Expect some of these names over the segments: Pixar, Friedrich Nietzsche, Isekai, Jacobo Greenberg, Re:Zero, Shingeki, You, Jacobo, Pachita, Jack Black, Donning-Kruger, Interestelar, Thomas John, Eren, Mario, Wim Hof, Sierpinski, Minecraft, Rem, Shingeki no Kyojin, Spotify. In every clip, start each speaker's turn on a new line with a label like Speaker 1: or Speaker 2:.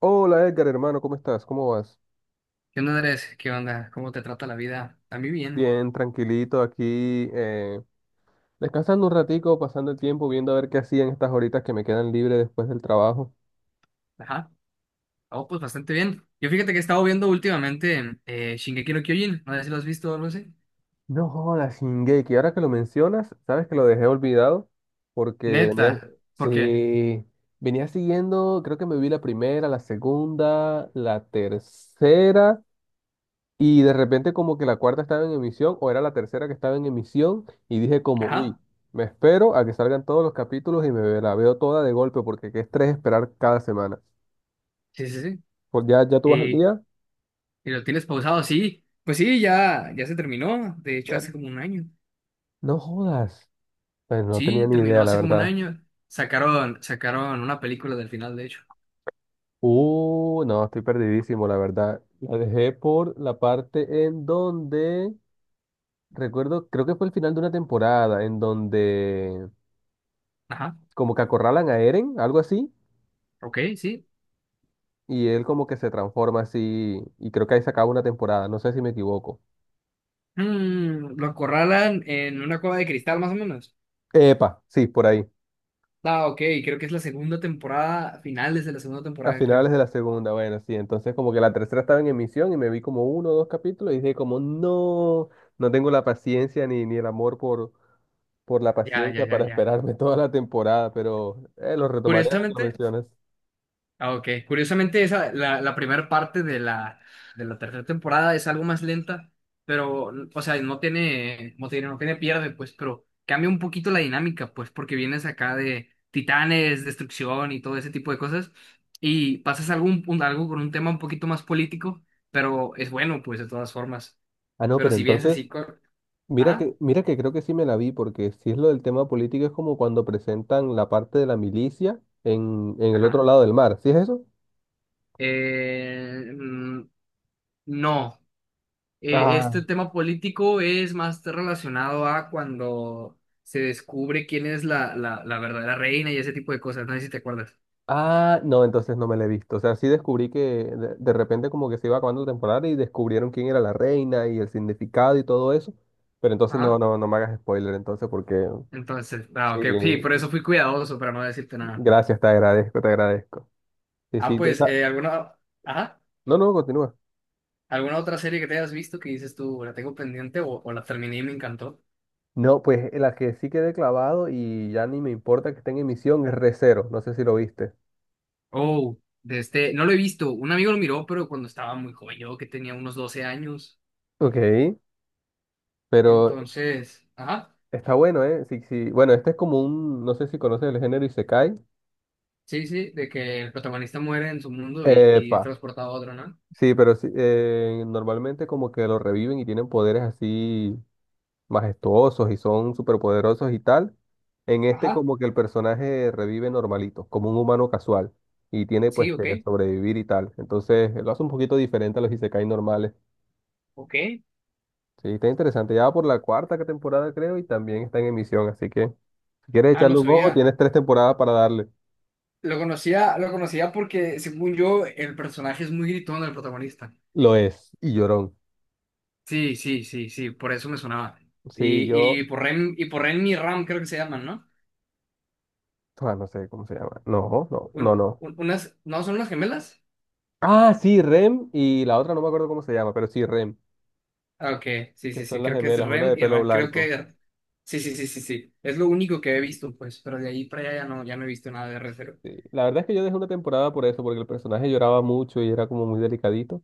Speaker 1: Hola Edgar, hermano, ¿cómo estás? ¿Cómo vas?
Speaker 2: ¿Qué onda, Andrés? ¿Qué onda? ¿Cómo te trata la vida? A mí bien.
Speaker 1: Bien, tranquilito aquí, descansando un ratico, pasando el tiempo, viendo a ver qué hacían estas horitas que me quedan libres después del trabajo.
Speaker 2: Ajá. Oh, pues bastante bien. Yo fíjate que he estado viendo últimamente Shingeki no Kyojin. No sé si lo has visto o algo así.
Speaker 1: No jodas, Shingeki, ahora que lo mencionas, sabes que lo dejé olvidado porque venía,
Speaker 2: Neta. ¿Por qué?
Speaker 1: sí, venía siguiendo, creo que me vi la primera, la segunda, la tercera. Y de repente como que la cuarta estaba en emisión o era la tercera que estaba en emisión y dije como, uy,
Speaker 2: Ajá.
Speaker 1: me espero a que salgan todos los capítulos y me la veo toda de golpe porque qué estrés esperar cada semana.
Speaker 2: Sí, sí, sí.
Speaker 1: Pues ya, ya tú vas al
Speaker 2: ¿Y,
Speaker 1: día.
Speaker 2: y lo tienes pausado? Sí. Pues sí, ya, ya se terminó. De hecho,
Speaker 1: Ya.
Speaker 2: hace como un año.
Speaker 1: No jodas. Pues no tenía
Speaker 2: Sí,
Speaker 1: ni
Speaker 2: terminó
Speaker 1: idea, la
Speaker 2: hace como un
Speaker 1: verdad.
Speaker 2: año. Sacaron una película del final, de hecho.
Speaker 1: No, estoy perdidísimo, la verdad. La dejé por la parte en donde, recuerdo, creo que fue el final de una temporada, en donde
Speaker 2: Ajá.
Speaker 1: como que acorralan a Eren, algo así.
Speaker 2: Ok, sí.
Speaker 1: Y él como que se transforma así y creo que ahí se acaba una temporada, no sé si me equivoco.
Speaker 2: Lo acorralan en una cueva de cristal, más o menos.
Speaker 1: Epa, sí, por ahí.
Speaker 2: Ah, ok, creo que es la segunda temporada, finales de la segunda
Speaker 1: A
Speaker 2: temporada,
Speaker 1: finales
Speaker 2: creo.
Speaker 1: de la segunda, bueno, sí, entonces como que la tercera estaba en emisión y me vi como uno o dos capítulos y dije como no, no tengo la paciencia ni el amor por la
Speaker 2: Ya, ya,
Speaker 1: paciencia
Speaker 2: ya,
Speaker 1: para
Speaker 2: ya.
Speaker 1: esperarme toda la temporada, pero lo retomaré ahora que lo
Speaker 2: Curiosamente,
Speaker 1: mencionas.
Speaker 2: ah, ok, curiosamente esa, la primera parte de la tercera temporada es algo más lenta, pero, o sea, no tiene pierde, pues, pero cambia un poquito la dinámica, pues, porque vienes acá de titanes, destrucción y todo ese tipo de cosas, y pasas algo con un tema un poquito más político, pero es bueno, pues, de todas formas.
Speaker 1: Ah, no,
Speaker 2: Pero
Speaker 1: pero
Speaker 2: si vienes
Speaker 1: entonces,
Speaker 2: así con. Ajá.
Speaker 1: mira que creo que sí me la vi, porque si es lo del tema político es como cuando presentan la parte de la milicia en el otro
Speaker 2: Ajá.
Speaker 1: lado del mar, ¿sí es eso?
Speaker 2: Eh, mm, no, este
Speaker 1: Ah,
Speaker 2: tema político es más relacionado a cuando se descubre quién es la verdadera reina y ese tipo de cosas. No sé si te acuerdas.
Speaker 1: Ah, no, entonces no me la he visto. O sea, sí descubrí que de repente como que se iba acabando la temporada y descubrieron quién era la reina y el significado y todo eso. Pero entonces no,
Speaker 2: Ajá.
Speaker 1: no, no me hagas spoiler, entonces, porque
Speaker 2: Entonces, ah,
Speaker 1: sí,
Speaker 2: ok, sí, por eso fui cuidadoso para no decirte nada.
Speaker 1: gracias, te agradezco, te agradezco. Sí,
Speaker 2: Ah,
Speaker 1: sí,
Speaker 2: pues, ajá,
Speaker 1: no, no, continúa.
Speaker 2: ¿alguna otra serie que te hayas visto que dices tú, la tengo pendiente o la terminé y me encantó?
Speaker 1: No, pues la que sí quedé clavado y ya ni me importa que esté en emisión es Re:Zero, no sé si lo viste.
Speaker 2: Oh, no lo he visto. Un amigo lo miró, pero cuando estaba muy joven, yo que tenía unos 12 años.
Speaker 1: Ok, pero
Speaker 2: Entonces, ajá.
Speaker 1: está bueno, ¿eh? Sí, sí. Bueno, este es como un, no sé si conoces el género Isekai.
Speaker 2: Sí, sí, de que el protagonista muere en su mundo y
Speaker 1: Epa.
Speaker 2: es transportado a otro, ¿no?
Speaker 1: Sí, pero sí, normalmente como que lo reviven y tienen poderes así majestuosos y son superpoderosos y tal. En este
Speaker 2: Ajá,
Speaker 1: como que el personaje revive normalito, como un humano casual y tiene pues
Speaker 2: sí,
Speaker 1: que
Speaker 2: ok.
Speaker 1: sobrevivir y tal. Entonces lo hace un poquito diferente a los isekai normales.
Speaker 2: Ok.
Speaker 1: Sí, está interesante. Ya va por la cuarta temporada creo y también está en emisión, así que si quieres
Speaker 2: Ah,
Speaker 1: echarle
Speaker 2: no
Speaker 1: un ojo,
Speaker 2: sabía.
Speaker 1: tienes tres temporadas para darle.
Speaker 2: Lo conocía porque, según yo, el personaje es muy gritón, el protagonista.
Speaker 1: Lo es, y llorón.
Speaker 2: Sí, sí, sí, sí, por eso me sonaba.
Speaker 1: Sí,
Speaker 2: y,
Speaker 1: yo,
Speaker 2: y por Ren, y por Ren y Ram creo que se llaman, ¿no?
Speaker 1: ah, no sé cómo se llama. No, no,
Speaker 2: Un-
Speaker 1: no, no.
Speaker 2: un- unas, ¿no son unas gemelas?
Speaker 1: Ah, sí, Rem y la otra no me acuerdo cómo se llama, pero sí, Rem,
Speaker 2: Ah, ok, sí,
Speaker 1: que
Speaker 2: sí, sí,
Speaker 1: son las
Speaker 2: creo que es
Speaker 1: gemelas, una
Speaker 2: Ren
Speaker 1: de
Speaker 2: y
Speaker 1: pelo
Speaker 2: Ram, creo
Speaker 1: blanco.
Speaker 2: que. Sí, sí, sí, sí, sí. Es lo único que he visto, pues, pero de ahí para allá ya no he visto nada de Re:Zero.
Speaker 1: Sí. La verdad es que yo dejé una temporada por eso, porque el personaje lloraba mucho y era como muy delicadito,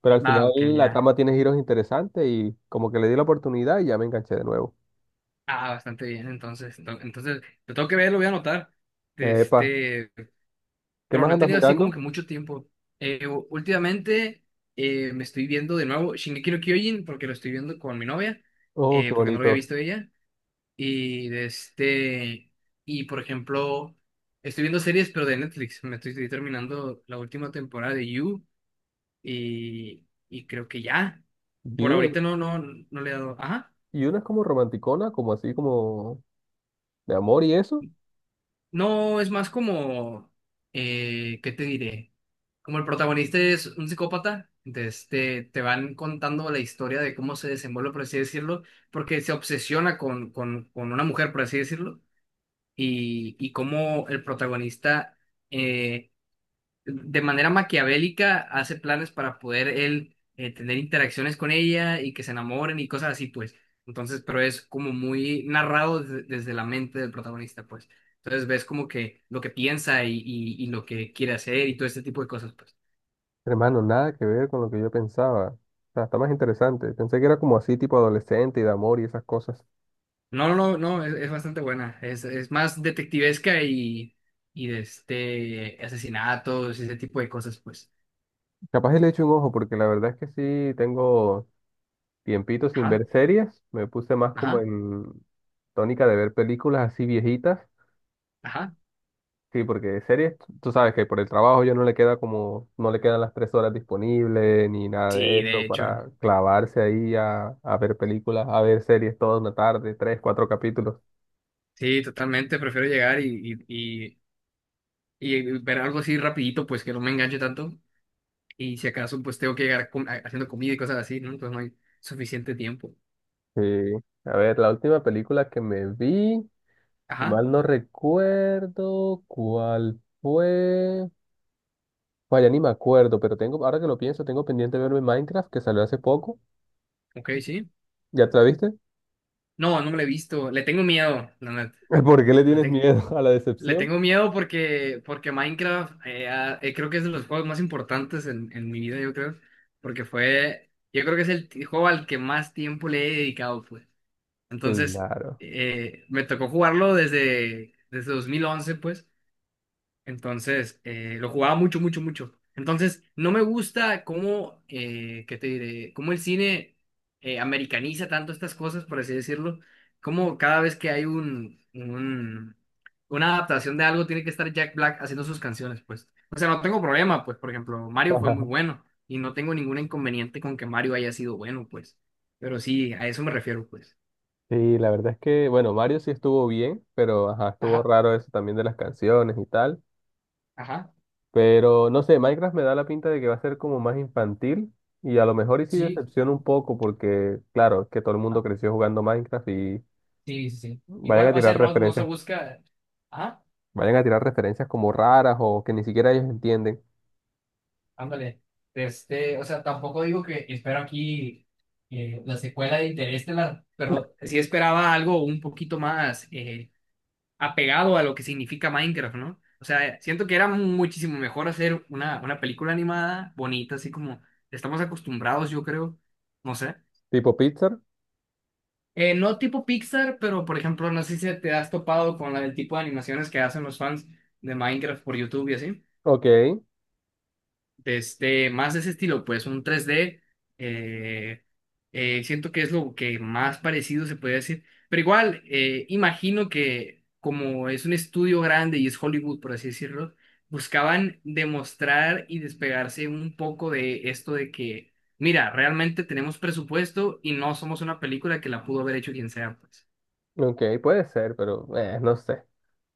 Speaker 1: pero al
Speaker 2: Ah,
Speaker 1: final
Speaker 2: ok,
Speaker 1: la
Speaker 2: ya.
Speaker 1: trama tiene giros interesantes y como que le di la oportunidad y ya me enganché de nuevo.
Speaker 2: Ah, bastante bien, entonces, entonces, lo tengo que ver, lo voy a anotar,
Speaker 1: Epa,
Speaker 2: este,
Speaker 1: ¿qué
Speaker 2: pero
Speaker 1: más
Speaker 2: no he
Speaker 1: andas
Speaker 2: tenido así como
Speaker 1: mirando?
Speaker 2: que mucho tiempo. Últimamente me estoy viendo de nuevo Shingeki no Kyojin, porque lo estoy viendo con mi novia,
Speaker 1: Oh, qué
Speaker 2: porque no lo había
Speaker 1: bonito.
Speaker 2: visto ella, y de este, y por ejemplo, estoy viendo series, pero de Netflix, estoy terminando la última temporada de You, y creo que ya, por
Speaker 1: You.
Speaker 2: ahorita no, no, no le he dado, ajá.
Speaker 1: You no es como romanticona, como así como de amor y eso.
Speaker 2: No, es más como, ¿qué te diré? Como el protagonista es un psicópata, entonces te van contando la historia de cómo se desenvuelve, por así decirlo, porque se obsesiona con una mujer, por así decirlo, y cómo el protagonista eh, de manera maquiavélica hace planes para poder él tener interacciones con ella y que se enamoren y cosas así, pues. Entonces, pero es como muy narrado desde la mente del protagonista, pues. Entonces ves como que lo que piensa y lo que quiere hacer y todo este tipo de cosas, pues.
Speaker 1: Hermano, nada que ver con lo que yo pensaba. O sea, está más interesante. Pensé que era como así tipo adolescente y de amor y esas cosas.
Speaker 2: No, no, no, es bastante buena. Es más detectivesca y de asesinatos y ese tipo de cosas, pues.
Speaker 1: Capaz y le echo un ojo, porque la verdad es que sí tengo tiempito sin ver
Speaker 2: Ajá,
Speaker 1: series. Me puse más como
Speaker 2: ajá,
Speaker 1: en tónica de ver películas así viejitas.
Speaker 2: ajá.
Speaker 1: Sí, porque series, tú sabes que por el trabajo ya no le queda como, no le quedan las 3 horas disponibles ni nada de
Speaker 2: Sí,
Speaker 1: eso
Speaker 2: de hecho.
Speaker 1: para clavarse ahí a ver películas, a ver series toda una tarde, tres, cuatro capítulos.
Speaker 2: Sí, totalmente. Prefiero llegar y ver algo así rapidito, pues que no me enganche tanto. Y si acaso, pues tengo que llegar haciendo comida y cosas así, ¿no? Entonces no hay suficiente tiempo.
Speaker 1: Sí. A ver, la última película que me vi, si
Speaker 2: Ajá,
Speaker 1: mal no recuerdo, ¿cuál fue? Bueno, ya ni me acuerdo, pero tengo, ahora que lo pienso, tengo pendiente verme Minecraft, que salió hace poco.
Speaker 2: ok, sí.
Speaker 1: ¿Ya te la viste?
Speaker 2: No, no me lo he visto. Le tengo miedo, la neta.
Speaker 1: ¿Por qué le
Speaker 2: Le,
Speaker 1: tienes
Speaker 2: te-
Speaker 1: miedo a la
Speaker 2: le
Speaker 1: decepción?
Speaker 2: tengo miedo porque Minecraft creo que es de los juegos más importantes en mi vida, yo creo. Yo creo que es el juego al que más tiempo le he dedicado, pues. Entonces,
Speaker 1: Claro.
Speaker 2: me tocó jugarlo desde 2011, pues. Entonces, lo jugaba mucho, mucho, mucho. Entonces, no me gusta cómo, ¿qué te diré? Cómo el cine americaniza tanto estas cosas, por así decirlo. Como cada vez que hay una adaptación de algo, tiene que estar Jack Black haciendo sus canciones, pues. O sea, no tengo problema, pues, por ejemplo, Mario fue muy bueno y no tengo ningún inconveniente con que Mario haya sido bueno, pues. Pero sí, a eso me refiero, pues.
Speaker 1: Sí, la verdad es que, bueno, Mario sí estuvo bien, pero ajá, estuvo
Speaker 2: Ajá,
Speaker 1: raro eso también de las canciones y tal.
Speaker 2: ajá,
Speaker 1: Pero no sé, Minecraft me da la pinta de que va a ser como más infantil y a lo mejor y sí
Speaker 2: sí,
Speaker 1: decepciona un poco porque, claro, es que todo el mundo
Speaker 2: ajá,
Speaker 1: creció jugando Minecraft y
Speaker 2: sí, sí, sí.
Speaker 1: vayan
Speaker 2: Igual,
Speaker 1: a
Speaker 2: o sea,
Speaker 1: tirar
Speaker 2: no, no se
Speaker 1: referencias,
Speaker 2: busca. Ajá.
Speaker 1: vayan a tirar referencias como raras o que ni siquiera ellos entienden.
Speaker 2: Ándale, o sea, tampoco digo que espero aquí la secuela de Interestelar, pero sí esperaba algo un poquito más apegado a lo que significa Minecraft, ¿no? O sea, siento que era muchísimo mejor hacer una película animada bonita, así como estamos acostumbrados, yo creo, no sé.
Speaker 1: Tipo Pixar,
Speaker 2: No tipo Pixar, pero por ejemplo, no sé si te has topado con el tipo de animaciones que hacen los fans de Minecraft por YouTube y así.
Speaker 1: ok,
Speaker 2: Más de ese estilo, pues un 3D. eh, siento que es lo que más parecido se puede decir. Pero igual, imagino que como es un estudio grande y es Hollywood, por así decirlo, buscaban demostrar y despegarse un poco de esto de que, mira, realmente tenemos presupuesto y no somos una película que la pudo haber hecho quien sea, pues.
Speaker 1: Ok, puede ser, pero no sé.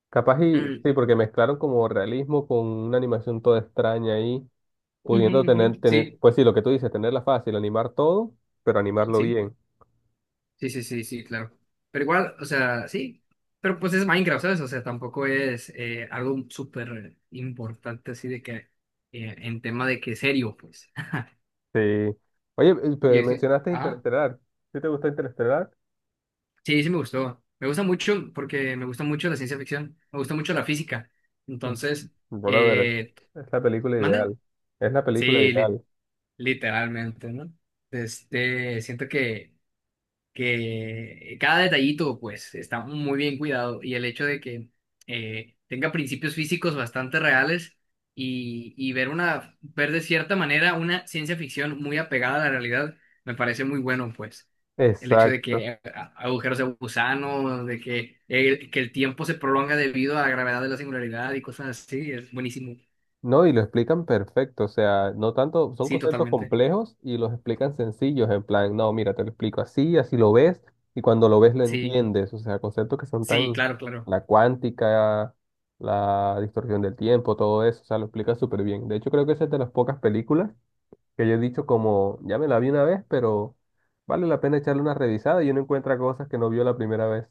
Speaker 1: Capaz y
Speaker 2: Mm,
Speaker 1: sí, porque mezclaron como realismo con una animación toda extraña ahí,
Speaker 2: ujú,
Speaker 1: pudiendo
Speaker 2: ujú,
Speaker 1: tener,
Speaker 2: sí,
Speaker 1: pues sí, lo que tú dices, tenerla fácil, animar todo, pero animarlo
Speaker 2: sí.
Speaker 1: bien.
Speaker 2: Sí, sí, sí, sí, claro. Pero igual, o sea, sí. Pero pues es Minecraft, ¿sabes? O sea, tampoco es algo súper importante así de que en tema de que serio, pues.
Speaker 1: Sí. Oye,
Speaker 2: Y es que-
Speaker 1: mencionaste
Speaker 2: ah,
Speaker 1: Interestelar. ¿Sí te gusta Interestelar?
Speaker 2: sí, sí me gustó. Me gusta mucho porque me gusta mucho la ciencia ficción, me gusta mucho la física.
Speaker 1: Mm.
Speaker 2: Entonces,
Speaker 1: Brother,
Speaker 2: eh,
Speaker 1: es la película
Speaker 2: ¿mande?
Speaker 1: ideal. Es la película
Speaker 2: Sí,
Speaker 1: ideal.
Speaker 2: literalmente, ¿no? Siento que cada detallito pues está muy bien cuidado y el hecho de que tenga principios físicos bastante reales y ver ver de cierta manera una ciencia ficción muy apegada a la realidad me parece muy bueno pues. El hecho de que
Speaker 1: Exacto.
Speaker 2: agujeros de gusano, que el tiempo se prolonga debido a la gravedad de la singularidad y cosas así, es buenísimo.
Speaker 1: No, y lo explican perfecto, o sea, no tanto, son
Speaker 2: Sí,
Speaker 1: conceptos
Speaker 2: totalmente.
Speaker 1: complejos y los explican sencillos, en plan, no, mira, te lo explico así, así lo ves, y cuando lo ves lo
Speaker 2: Sí,
Speaker 1: entiendes, o sea, conceptos que son
Speaker 2: sí,
Speaker 1: tan,
Speaker 2: claro, claro.
Speaker 1: la cuántica, la distorsión del tiempo, todo eso, o sea, lo explica súper bien. De hecho, creo que esa es de las pocas películas que yo he dicho como, ya me la vi una vez, pero vale la pena echarle una revisada y uno encuentra cosas que no vio la primera vez.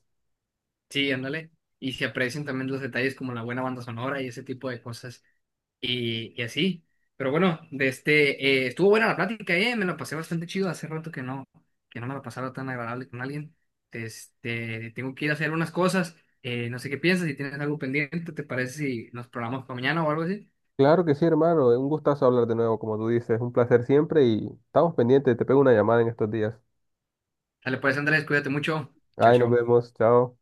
Speaker 2: Sí, ándale. Y se aprecian también los detalles como la buena banda sonora y ese tipo de cosas. Y así. Pero bueno, estuvo buena la plática, me la pasé bastante chido. Hace rato que no, me la pasaba tan agradable con alguien. Tengo que ir a hacer unas cosas. No sé qué piensas, si tienes algo pendiente, ¿te parece si nos programamos para mañana o algo así?
Speaker 1: Claro que sí, hermano, un gustazo hablar de nuevo, como tú dices, un placer siempre y estamos pendientes, te pego una llamada en estos días.
Speaker 2: Dale, pues Andrés, cuídate mucho. Chao,
Speaker 1: Ay, nos
Speaker 2: chao.
Speaker 1: vemos, chao.